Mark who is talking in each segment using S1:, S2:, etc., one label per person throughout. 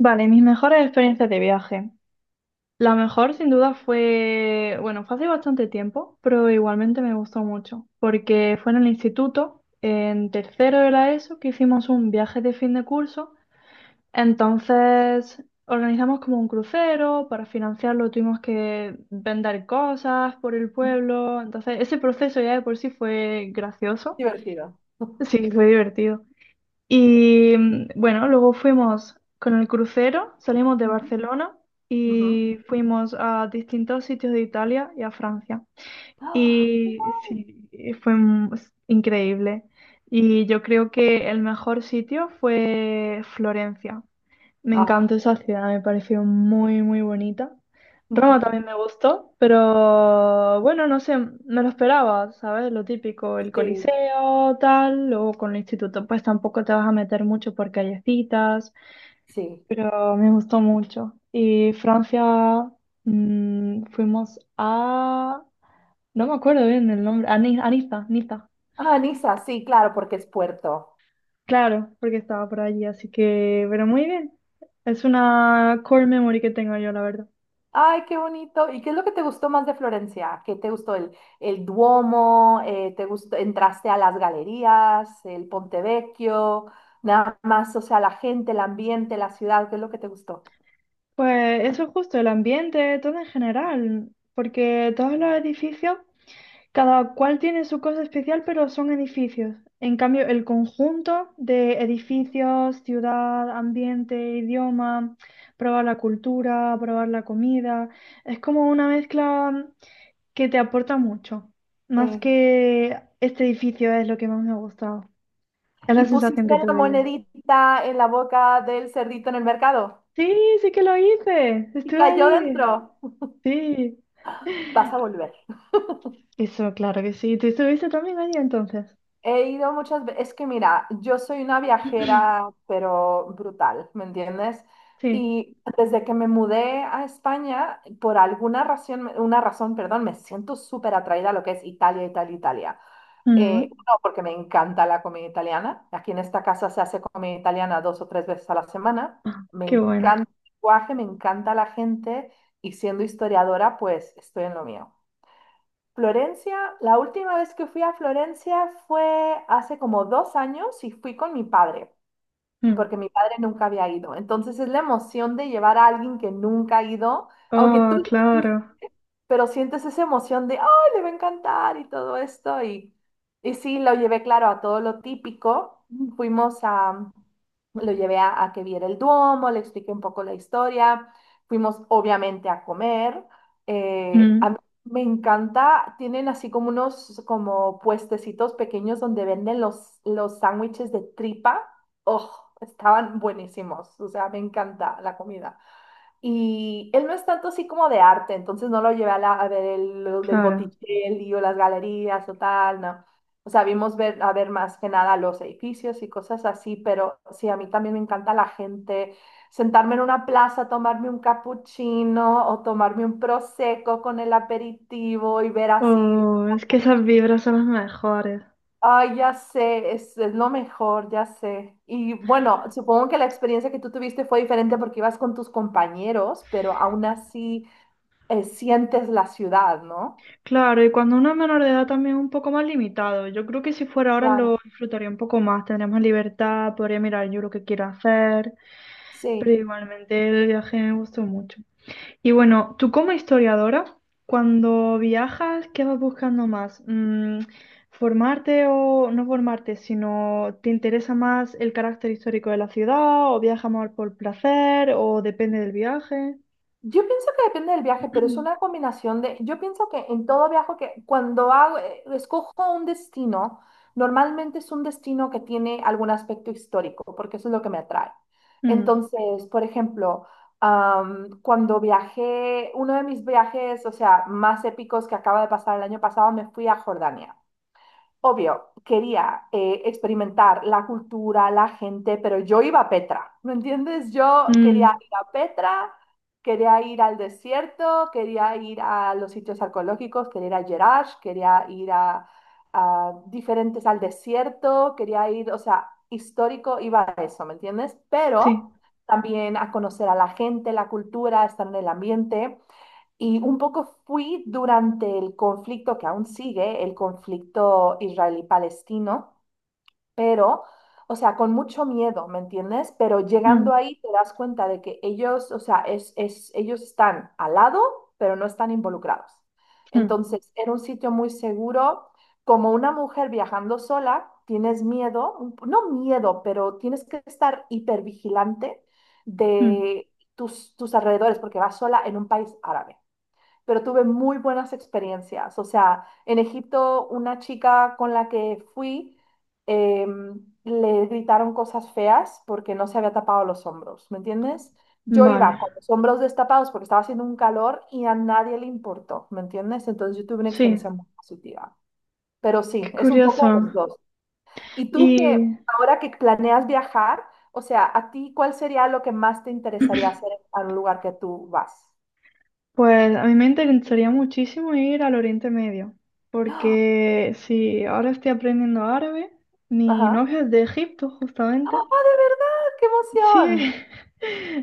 S1: Vale, mis mejores experiencias de viaje. La mejor sin duda fue, bueno, fue hace bastante tiempo, pero igualmente me gustó mucho, porque fue en el instituto, en tercero de la ESO, que hicimos un viaje de fin de curso. Entonces organizamos como un crucero, para financiarlo tuvimos que vender cosas por el pueblo, entonces ese proceso ya de por sí fue gracioso,
S2: Divertido.
S1: sí, fue divertido. Y bueno, luego fuimos con el crucero, salimos de
S2: Ujú,
S1: Barcelona
S2: ujú.
S1: y fuimos a distintos sitios de Italia y a Francia.
S2: Ah,
S1: Y
S2: ay,
S1: sí, y fue es increíble. Y yo creo que el mejor sitio fue Florencia, me
S2: ah,
S1: encantó esa ciudad, me pareció muy, muy bonita. Roma
S2: ujú.
S1: también me gustó, pero bueno, no sé, me lo esperaba, ¿sabes? Lo típico, el
S2: Sí,
S1: Coliseo, tal, luego con el instituto, pues tampoco te vas a meter mucho por callecitas,
S2: sí.
S1: pero me gustó mucho. Y Francia, fuimos a... No me acuerdo bien el nombre, a, a Niza, Niza.
S2: Ah, Niza, sí, claro, porque es puerto.
S1: Claro, porque estaba por allí, así que, pero muy bien. Es una core memory que tengo yo, la verdad.
S2: Ay, qué bonito. ¿Y qué es lo que te gustó más de Florencia? ¿Qué te gustó el Duomo? ¿Te gustó, entraste a las galerías, el Ponte Vecchio? Nada más, o sea, la gente, el ambiente, la ciudad, ¿qué es lo que te gustó?
S1: Pues eso es justo, el ambiente, todo en general, porque todos los edificios, cada cual tiene su cosa especial, pero son edificios. En cambio, el conjunto de edificios, ciudad, ambiente, idioma, probar la cultura, probar la comida, es como una mezcla que te aporta mucho, más
S2: Sí.
S1: que este edificio es lo que más me ha gustado. Es la
S2: ¿Y
S1: sensación
S2: pusiste
S1: que
S2: la
S1: tuve yo.
S2: monedita en la boca del cerdito en el mercado?
S1: Sí, sí que lo hice,
S2: Y
S1: estuve
S2: cayó
S1: allí,
S2: dentro.
S1: sí.
S2: Vas a volver.
S1: Eso, claro que sí. ¿Tú estuviste también allí entonces?
S2: He ido muchas veces, es que mira, yo soy una viajera, pero brutal, ¿me entiendes?
S1: Sí.
S2: Y desde que me mudé a España, por alguna razón, una razón, perdón, me siento súper atraída a lo que es Italia, Italia, Italia.
S1: Mm.
S2: Uno, porque me encanta la comida italiana. Aquí en esta casa se hace comida italiana 2 o 3 veces a la semana.
S1: Ah,
S2: Me
S1: qué bueno.
S2: encanta el lenguaje, me encanta la gente y siendo historiadora, pues estoy en lo mío. Florencia, la última vez que fui a Florencia fue hace como 2 años y fui con mi padre,
S1: Mm.
S2: porque mi padre nunca había ido. Entonces es la emoción de llevar a alguien que nunca ha ido, aunque tú
S1: Oh,
S2: no,
S1: claro.
S2: pero sientes esa emoción de, ¡ay, le va a encantar! Y todo esto. Y sí, lo llevé, claro, a todo lo típico. Fuimos a, lo llevé a, que viera el Duomo, le expliqué un poco la historia, fuimos obviamente a comer. A
S1: Mm,
S2: mí me encanta, tienen así como unos como puestecitos pequeños donde venden los sándwiches de tripa. ¡Oh! Estaban buenísimos, o sea, me encanta la comida. Y él no es tanto así como de arte, entonces no lo llevé a, a ver el,
S1: claro.
S2: Botticelli o las galerías o tal, no. O sea, a ver más que nada los edificios y cosas así, pero sí, a mí también me encanta la gente, sentarme en una plaza, tomarme un cappuccino o tomarme un prosecco con el aperitivo y ver así,
S1: Oh, es que esas vibras son las mejores.
S2: ay, ya sé, es lo mejor, ya sé. Y bueno, supongo que la experiencia que tú tuviste fue diferente porque ibas con tus compañeros, pero aún así sientes la ciudad, ¿no?
S1: Claro, y cuando uno es menor de edad también es un poco más limitado. Yo creo que si fuera ahora lo
S2: Claro,
S1: disfrutaría un poco más, tendría más libertad, podría mirar yo lo que quiero hacer, pero
S2: sí.
S1: igualmente el viaje me gustó mucho. Y bueno, tú como historiadora, cuando viajas, ¿qué vas buscando más? ¿Formarte o no formarte, sino te interesa más el carácter histórico de la ciudad o viajas más por placer o depende del viaje?
S2: Yo pienso que depende del viaje, pero es una combinación de, yo pienso que en todo viaje que cuando hago, escojo un destino, normalmente es un destino que tiene algún aspecto histórico, porque eso es lo que me atrae.
S1: Mm,
S2: Entonces, por ejemplo, cuando viajé, uno de mis viajes, o sea, más épicos que acaba de pasar el año pasado, me fui a Jordania. Obvio, quería experimentar la cultura, la gente, pero yo iba a Petra, ¿me entiendes? Yo quería
S1: mm,
S2: ir a Petra, quería ir al desierto, quería ir a los sitios arqueológicos, quería ir a Jerash, quería ir a diferentes al desierto, quería ir, o sea, histórico, iba a eso, ¿me entiendes? Pero
S1: sí.
S2: también a conocer a la gente, la cultura, estar en el ambiente. Y un poco fui durante el conflicto que aún sigue, el conflicto israelí-palestino, pero, o sea, con mucho miedo, ¿me entiendes? Pero llegando
S1: Mm,
S2: ahí te das cuenta de que ellos, o sea, ellos están al lado, pero no están involucrados.
S1: mm,
S2: Entonces, era un sitio muy seguro. Como una mujer viajando sola, tienes miedo, un no miedo, pero tienes que estar hipervigilante
S1: mm.
S2: de tus alrededores porque vas sola en un país árabe, pero tuve muy buenas experiencias. O sea, en Egipto, una chica con la que fui, le gritaron cosas feas porque no se había tapado los hombros, ¿me entiendes? Yo
S1: Vale,
S2: iba con los hombros destapados porque estaba haciendo un calor y a nadie le importó, ¿me entiendes? Entonces yo tuve una
S1: sí,
S2: experiencia muy positiva. Pero
S1: qué
S2: sí, es un poco los
S1: curioso.
S2: dos. Y tú que
S1: Y
S2: Ahora que planeas viajar, o sea, ¿a ti cuál sería lo que más te interesaría hacer en un lugar que tú vas?
S1: pues a mí me interesaría muchísimo ir al Oriente Medio, porque si ahora estoy aprendiendo árabe, mi
S2: Ajá.
S1: novio es de Egipto, justamente.
S2: ¡Ah, de verdad! ¡Qué
S1: Sí,
S2: emoción!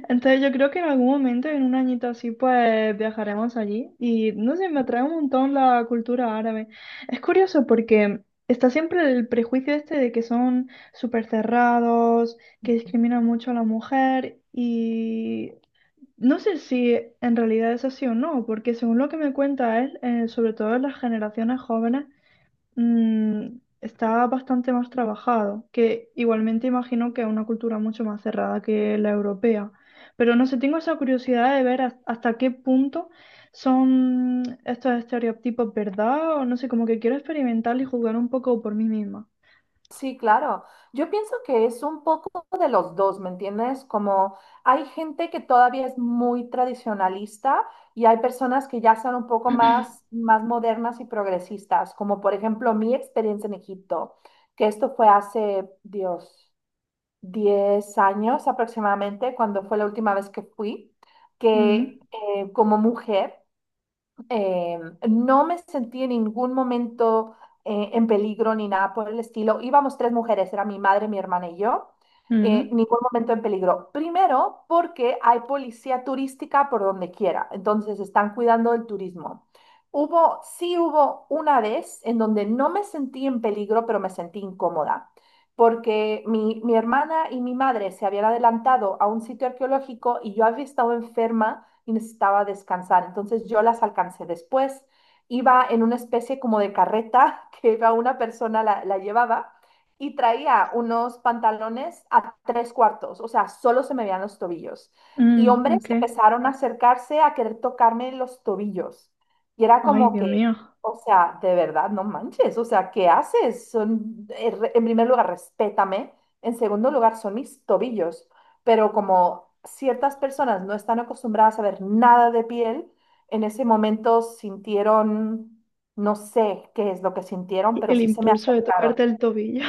S1: entonces yo creo que en algún momento, en un añito así, pues viajaremos allí. Y no sé, me atrae un montón la cultura árabe. Es curioso porque está siempre el prejuicio este de que son súper cerrados, que discriminan mucho a la mujer. Y no sé si en realidad es así o no, porque según lo que me cuenta él, sobre todo en las generaciones jóvenes, está bastante más trabajado, que igualmente imagino que es una cultura mucho más cerrada que la europea. Pero no sé, tengo esa curiosidad de ver hasta qué punto son estos estereotipos verdad, o no sé, como que quiero experimentar y jugar un poco por mí misma.
S2: Sí, claro. Yo pienso que es un poco de los dos, ¿me entiendes? Como hay gente que todavía es muy tradicionalista y hay personas que ya son un poco más, más modernas y progresistas, como por ejemplo mi experiencia en Egipto, que esto fue hace, Dios, 10 años aproximadamente, cuando fue la última vez que fui, que
S1: Mm,
S2: como mujer, Eh, no me sentí en ningún momento en peligro ni nada por el estilo. Íbamos tres mujeres, era mi madre, mi hermana y yo.
S1: mm,
S2: Ningún momento en peligro. Primero, porque hay policía turística por donde quiera, entonces están cuidando el turismo. Hubo, sí hubo una vez en donde no me sentí en peligro, pero me sentí incómoda, porque mi hermana y mi madre se habían adelantado a un sitio arqueológico y yo había estado enferma y necesitaba descansar. Entonces yo las alcancé después. Iba en una especie como de carreta que iba una persona, la llevaba, y traía unos pantalones a tres cuartos, o sea, solo se me veían los tobillos. Y
S1: mm,
S2: hombres
S1: ok.
S2: empezaron a acercarse a querer tocarme los tobillos. Y era
S1: Ay,
S2: como
S1: Dios
S2: que,
S1: mío.
S2: o sea, de verdad, no manches, o sea, ¿qué haces? En primer lugar, respétame. En segundo lugar, son mis tobillos, pero como ciertas personas no están acostumbradas a ver nada de piel, en ese momento sintieron, no sé qué es lo que sintieron, pero
S1: El
S2: sí se me
S1: impulso de
S2: acercaron.
S1: tocarte el tobillo.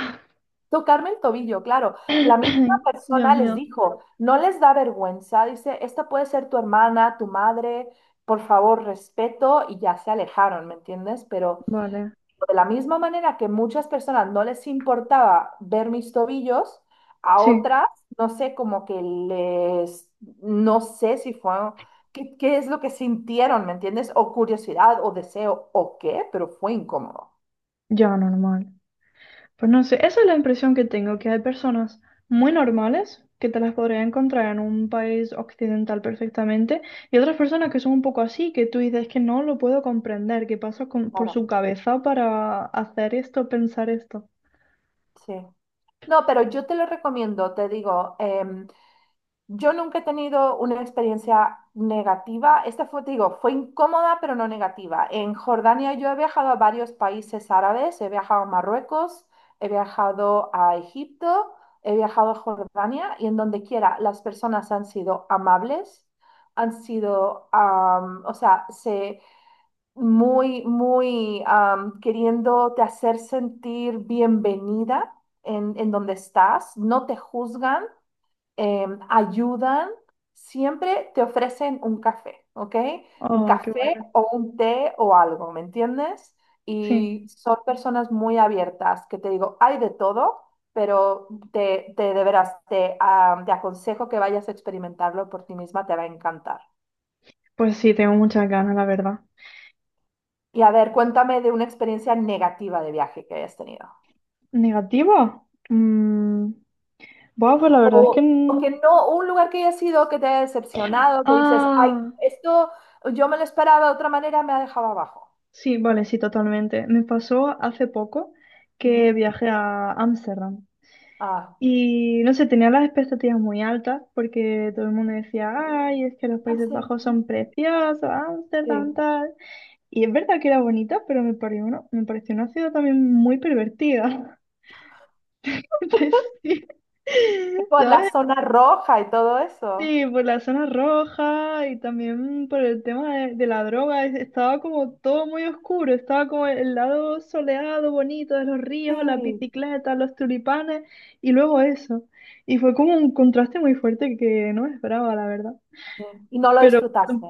S2: Tocarme el tobillo, claro. La misma
S1: Dios
S2: persona les
S1: mío.
S2: dijo, no les da vergüenza, dice, esta puede ser tu hermana, tu madre, por favor, respeto, y ya se alejaron, ¿me entiendes? Pero
S1: Vale,
S2: de la misma manera que muchas personas no les importaba ver mis tobillos, a
S1: sí,
S2: otras, no sé, como que les, no sé si fue, qué es lo que sintieron, ¿me entiendes? O curiosidad o deseo o qué, pero fue incómodo.
S1: ya normal. Pues no sé, esa es la impresión que tengo, que hay personas muy normales que te las podría encontrar en un país occidental perfectamente y otras personas que son un poco así, que tú dices que no lo puedo comprender, que pasa por
S2: Claro,
S1: su cabeza para hacer esto, pensar esto.
S2: sí. No, pero yo te lo recomiendo, te digo, yo nunca he tenido una experiencia negativa. Esta fue, te digo, fue incómoda, pero no negativa. En Jordania yo he viajado a varios países árabes, he viajado a Marruecos, he viajado a Egipto, he viajado a Jordania y en donde quiera las personas han sido amables, han sido, o sea, se, muy, muy queriéndote hacer sentir bienvenida en donde estás, no te juzgan, ayudan, siempre te ofrecen un café, ¿ok? Un
S1: Oh, qué
S2: café
S1: bueno.
S2: o un té o algo, ¿me entiendes?
S1: Sí,
S2: Y son personas muy abiertas, que te digo, hay de todo, pero te de veras, te aconsejo que vayas a experimentarlo por ti misma, te va a encantar.
S1: pues sí, tengo muchas ganas, la verdad.
S2: Y a ver, cuéntame de una experiencia negativa de viaje que hayas tenido.
S1: ¿Negativa? Bueno, pues la verdad es que...
S2: O que
S1: n-
S2: no, un lugar que hayas ido que te haya decepcionado, que dices, ay,
S1: Ah,
S2: esto yo me lo esperaba de otra manera, me ha dejado abajo.
S1: sí, vale, sí, totalmente. Me pasó hace poco que
S2: Ujú.
S1: viajé a Ámsterdam
S2: Ah,
S1: y no sé, tenía las expectativas muy altas porque todo el mundo decía, ay, es que los Países
S2: cierto,
S1: Bajos
S2: ¿no?
S1: son preciosos, Ámsterdam
S2: Sí.
S1: tal. Y es verdad que era bonita, pero me pareció una ciudad también muy pervertida. Entonces, sí.
S2: Y por la
S1: ¿Sabes?
S2: zona roja y todo eso.
S1: Sí, por la zona roja y también por el tema de la droga, estaba como todo muy oscuro, estaba como el lado soleado, bonito de los ríos, las
S2: Sí,
S1: bicicletas, los tulipanes y luego eso. Y fue como un contraste muy fuerte que no me esperaba, la verdad.
S2: sí. Y no lo
S1: Pero
S2: disfrutaste.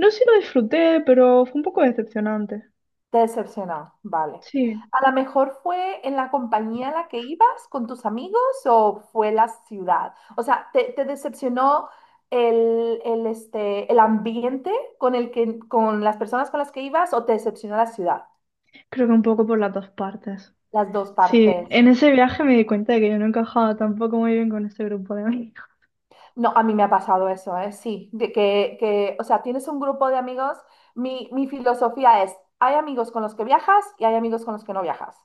S1: no sé si lo disfruté, pero fue un poco decepcionante.
S2: Te decepcionó. Vale.
S1: Sí,
S2: ¿A lo mejor fue en la compañía a la que ibas con tus amigos o fue la ciudad? O sea, ¿te, te decepcionó el, el ambiente con el que, con las personas con las que ibas o te decepcionó la ciudad?
S1: creo que un poco por las dos partes.
S2: Las dos
S1: Sí,
S2: partes.
S1: en ese viaje me di cuenta de que yo no encajaba tampoco muy bien con ese grupo de amigos.
S2: No, a mí me ha pasado eso, ¿eh? Sí, de o sea, tienes un grupo de amigos. Mi filosofía es, hay amigos con los que viajas y hay amigos con los que no viajas.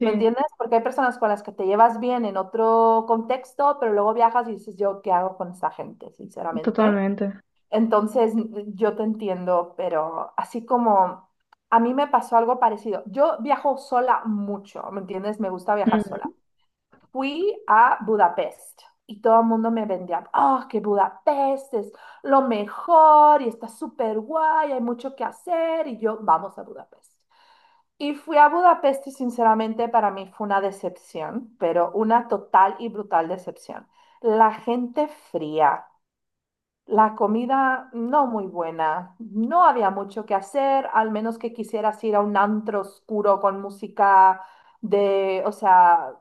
S2: ¿Me entiendes? Porque hay personas con las que te llevas bien en otro contexto, pero luego viajas y dices, yo, ¿qué hago con esta gente, sinceramente?
S1: totalmente.
S2: Entonces, yo te entiendo, pero así como a mí me pasó algo parecido. Yo viajo sola mucho, ¿me entiendes? Me gusta viajar
S1: Mm.
S2: sola. Fui a Budapest y todo el mundo me vendía, oh, que Budapest es lo mejor y está súper guay, hay mucho que hacer y yo, vamos a Budapest. Y fui a Budapest y sinceramente para mí fue una decepción, pero una total y brutal decepción. La gente fría, la comida no muy buena. No había mucho que hacer, al menos que quisieras ir a un antro oscuro con música de, o sea,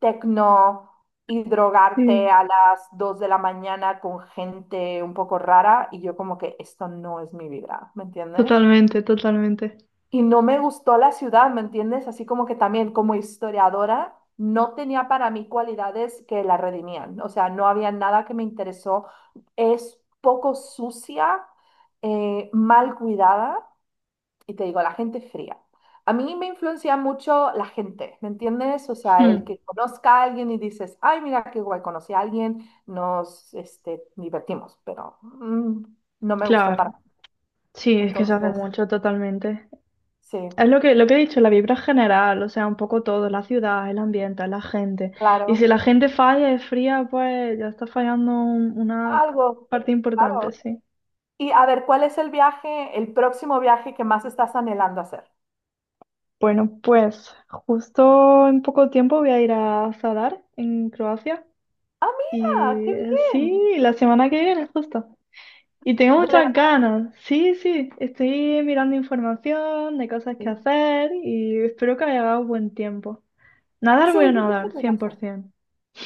S2: tecno, y drogarte
S1: Sí.
S2: a las 2 de la mañana con gente un poco rara. Y yo como que esto no es mi vibra, ¿me entiendes?
S1: Totalmente, totalmente.
S2: Y no me gustó la ciudad, ¿me entiendes? Así como que también como historiadora no tenía para mí cualidades que la redimían. O sea, no había nada que me interesó. Es poco sucia, mal cuidada, y te digo, la gente fría. A mí me influencia mucho la gente, ¿me entiendes? O sea, el
S1: Mm,
S2: que conozca a alguien y dices, ay, mira qué guay, conocí a alguien, nos este, divertimos, pero no me gustó para.
S1: claro, sí, es que se hace
S2: Entonces,
S1: mucho, totalmente.
S2: sí,
S1: Es lo que he dicho, la vibra general, o sea, un poco todo, la ciudad, el ambiente, la gente. Y si
S2: claro.
S1: la gente falla, es fría, pues ya está fallando una
S2: Algo,
S1: parte importante,
S2: claro.
S1: sí.
S2: Y a ver, ¿cuál es el viaje, el próximo viaje que más estás anhelando hacer?
S1: Bueno, pues justo en poco tiempo voy a ir a Zadar, en Croacia,
S2: Ah, mira,
S1: y
S2: qué bien.
S1: sí, la semana que viene, justo. Y tengo
S2: De verdad.
S1: muchas ganas. Sí, sí, estoy mirando información de cosas que
S2: Sí,
S1: hacer y espero que haya dado buen tiempo. Nadar
S2: sí,
S1: voy a
S2: yo pienso
S1: nadar,
S2: que va a ser.
S1: 100%.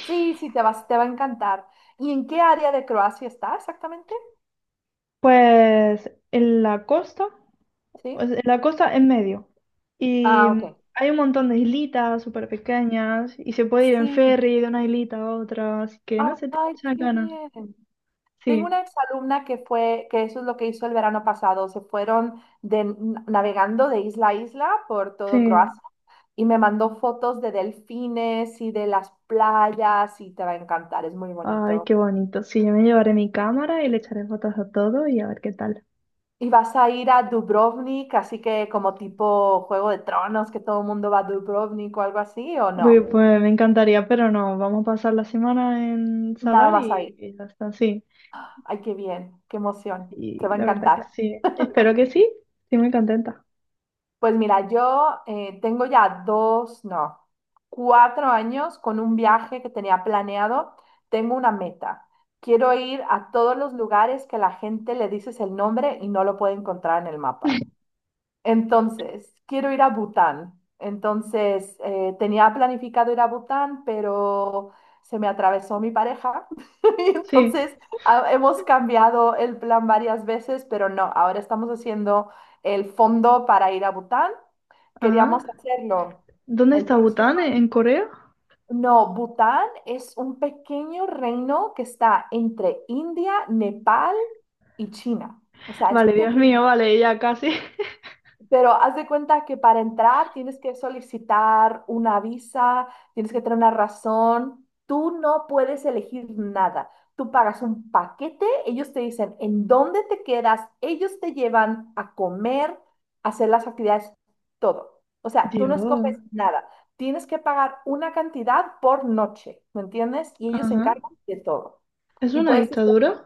S2: Sí, sí, te vas, te va a encantar. ¿Y en qué área de Croacia está exactamente?
S1: Pues en la costa,
S2: Sí.
S1: pues, en la costa en medio. Y
S2: Ah, ok.
S1: hay un montón de islitas súper pequeñas y se puede ir en
S2: Sí.
S1: ferry de una islita a otra, así que no sé, tengo
S2: Ay,
S1: muchas
S2: qué
S1: ganas.
S2: bien. Tengo
S1: Sí,
S2: una exalumna que fue, que eso es lo que hizo el verano pasado. Se fueron de, navegando de isla a isla por todo
S1: sí.
S2: Croacia, y me mandó fotos de delfines y de las playas y te va a encantar, es muy
S1: Ay,
S2: bonito.
S1: qué bonito. Sí, yo me llevaré mi cámara y le echaré fotos a todo y a ver qué tal.
S2: Y vas a ir a Dubrovnik, así que como tipo Juego de Tronos, que todo el mundo va a Dubrovnik o algo así, ¿o
S1: Uy,
S2: no?
S1: pues me encantaría, pero no, vamos a pasar la semana en
S2: Nada
S1: Sadar
S2: más ahí.
S1: y ya está, sí.
S2: Ay, qué bien, qué emoción. Te
S1: Y
S2: va a
S1: la verdad que
S2: encantar.
S1: sí. Espero que sí. Sí, muy contenta.
S2: Pues mira, yo tengo ya dos, no, 4 años con un viaje que tenía planeado. Tengo una meta. Quiero ir a todos los lugares que la gente le dices el nombre y no lo puede encontrar en el mapa. Entonces, quiero ir a Bután. Entonces, tenía planificado ir a Bután, pero se me atravesó mi pareja. Y
S1: Sí.
S2: entonces, hemos cambiado el plan varias veces, pero no, ahora estamos haciendo el fondo para ir a Bután.
S1: Ah,
S2: Queríamos hacerlo
S1: ¿dónde
S2: el
S1: está
S2: próximo.
S1: Bután? En Corea?
S2: No, Bután es un pequeño reino que está entre India, Nepal y China. O sea, es
S1: Vale, Dios
S2: pequeño.
S1: mío, vale, ya casi.
S2: Pero haz de cuenta que para entrar tienes que solicitar una visa, tienes que tener una razón. Tú no puedes elegir nada. Tú pagas un paquete, ellos te dicen en dónde te quedas, ellos te llevan a comer, a hacer las actividades, todo. O sea, tú no escoges
S1: Dios.
S2: nada. Tienes que pagar una cantidad por noche, ¿me entiendes? Y ellos se
S1: Ajá.
S2: encargan de todo.
S1: ¿Es
S2: Y
S1: una
S2: puedes
S1: dictadura?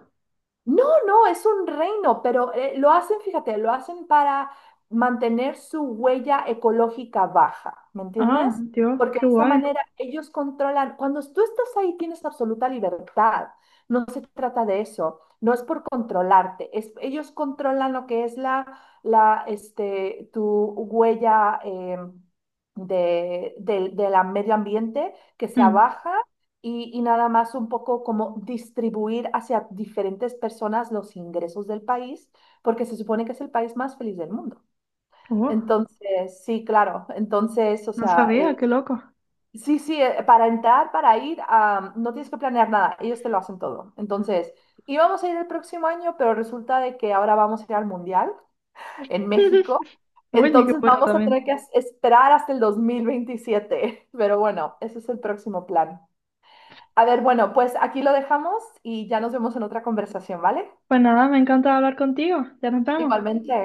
S2: no, no, es un reino, pero lo hacen, fíjate, lo hacen para mantener su huella ecológica baja, ¿me
S1: Ah,
S2: entiendes?
S1: Dios,
S2: Porque de
S1: qué
S2: esa
S1: guay.
S2: manera ellos controlan, cuando tú estás ahí tienes absoluta libertad, no se trata de eso, no es por controlarte, es, ellos controlan lo que es la, tu huella de, del medio ambiente, que sea
S1: Mm.
S2: baja, y nada más un poco como distribuir hacia diferentes personas los ingresos del país, porque se supone que es el país más feliz del mundo.
S1: Oh,
S2: Entonces, sí, claro, entonces, o
S1: no
S2: sea,
S1: sabía, qué loco.
S2: sí, sí, para entrar, para ir, ah, no tienes que planear nada, ellos te lo hacen todo. Entonces, íbamos a ir el próximo año, pero resulta de que ahora vamos a ir al Mundial en México.
S1: Oye, qué
S2: Entonces
S1: bueno
S2: vamos a tener
S1: también.
S2: que esperar hasta el 2027, pero bueno, ese es el próximo plan. A ver, bueno, pues aquí lo dejamos y ya nos vemos en otra conversación, ¿vale?
S1: Pues nada, me encanta hablar contigo. Ya nos vemos.
S2: Igualmente.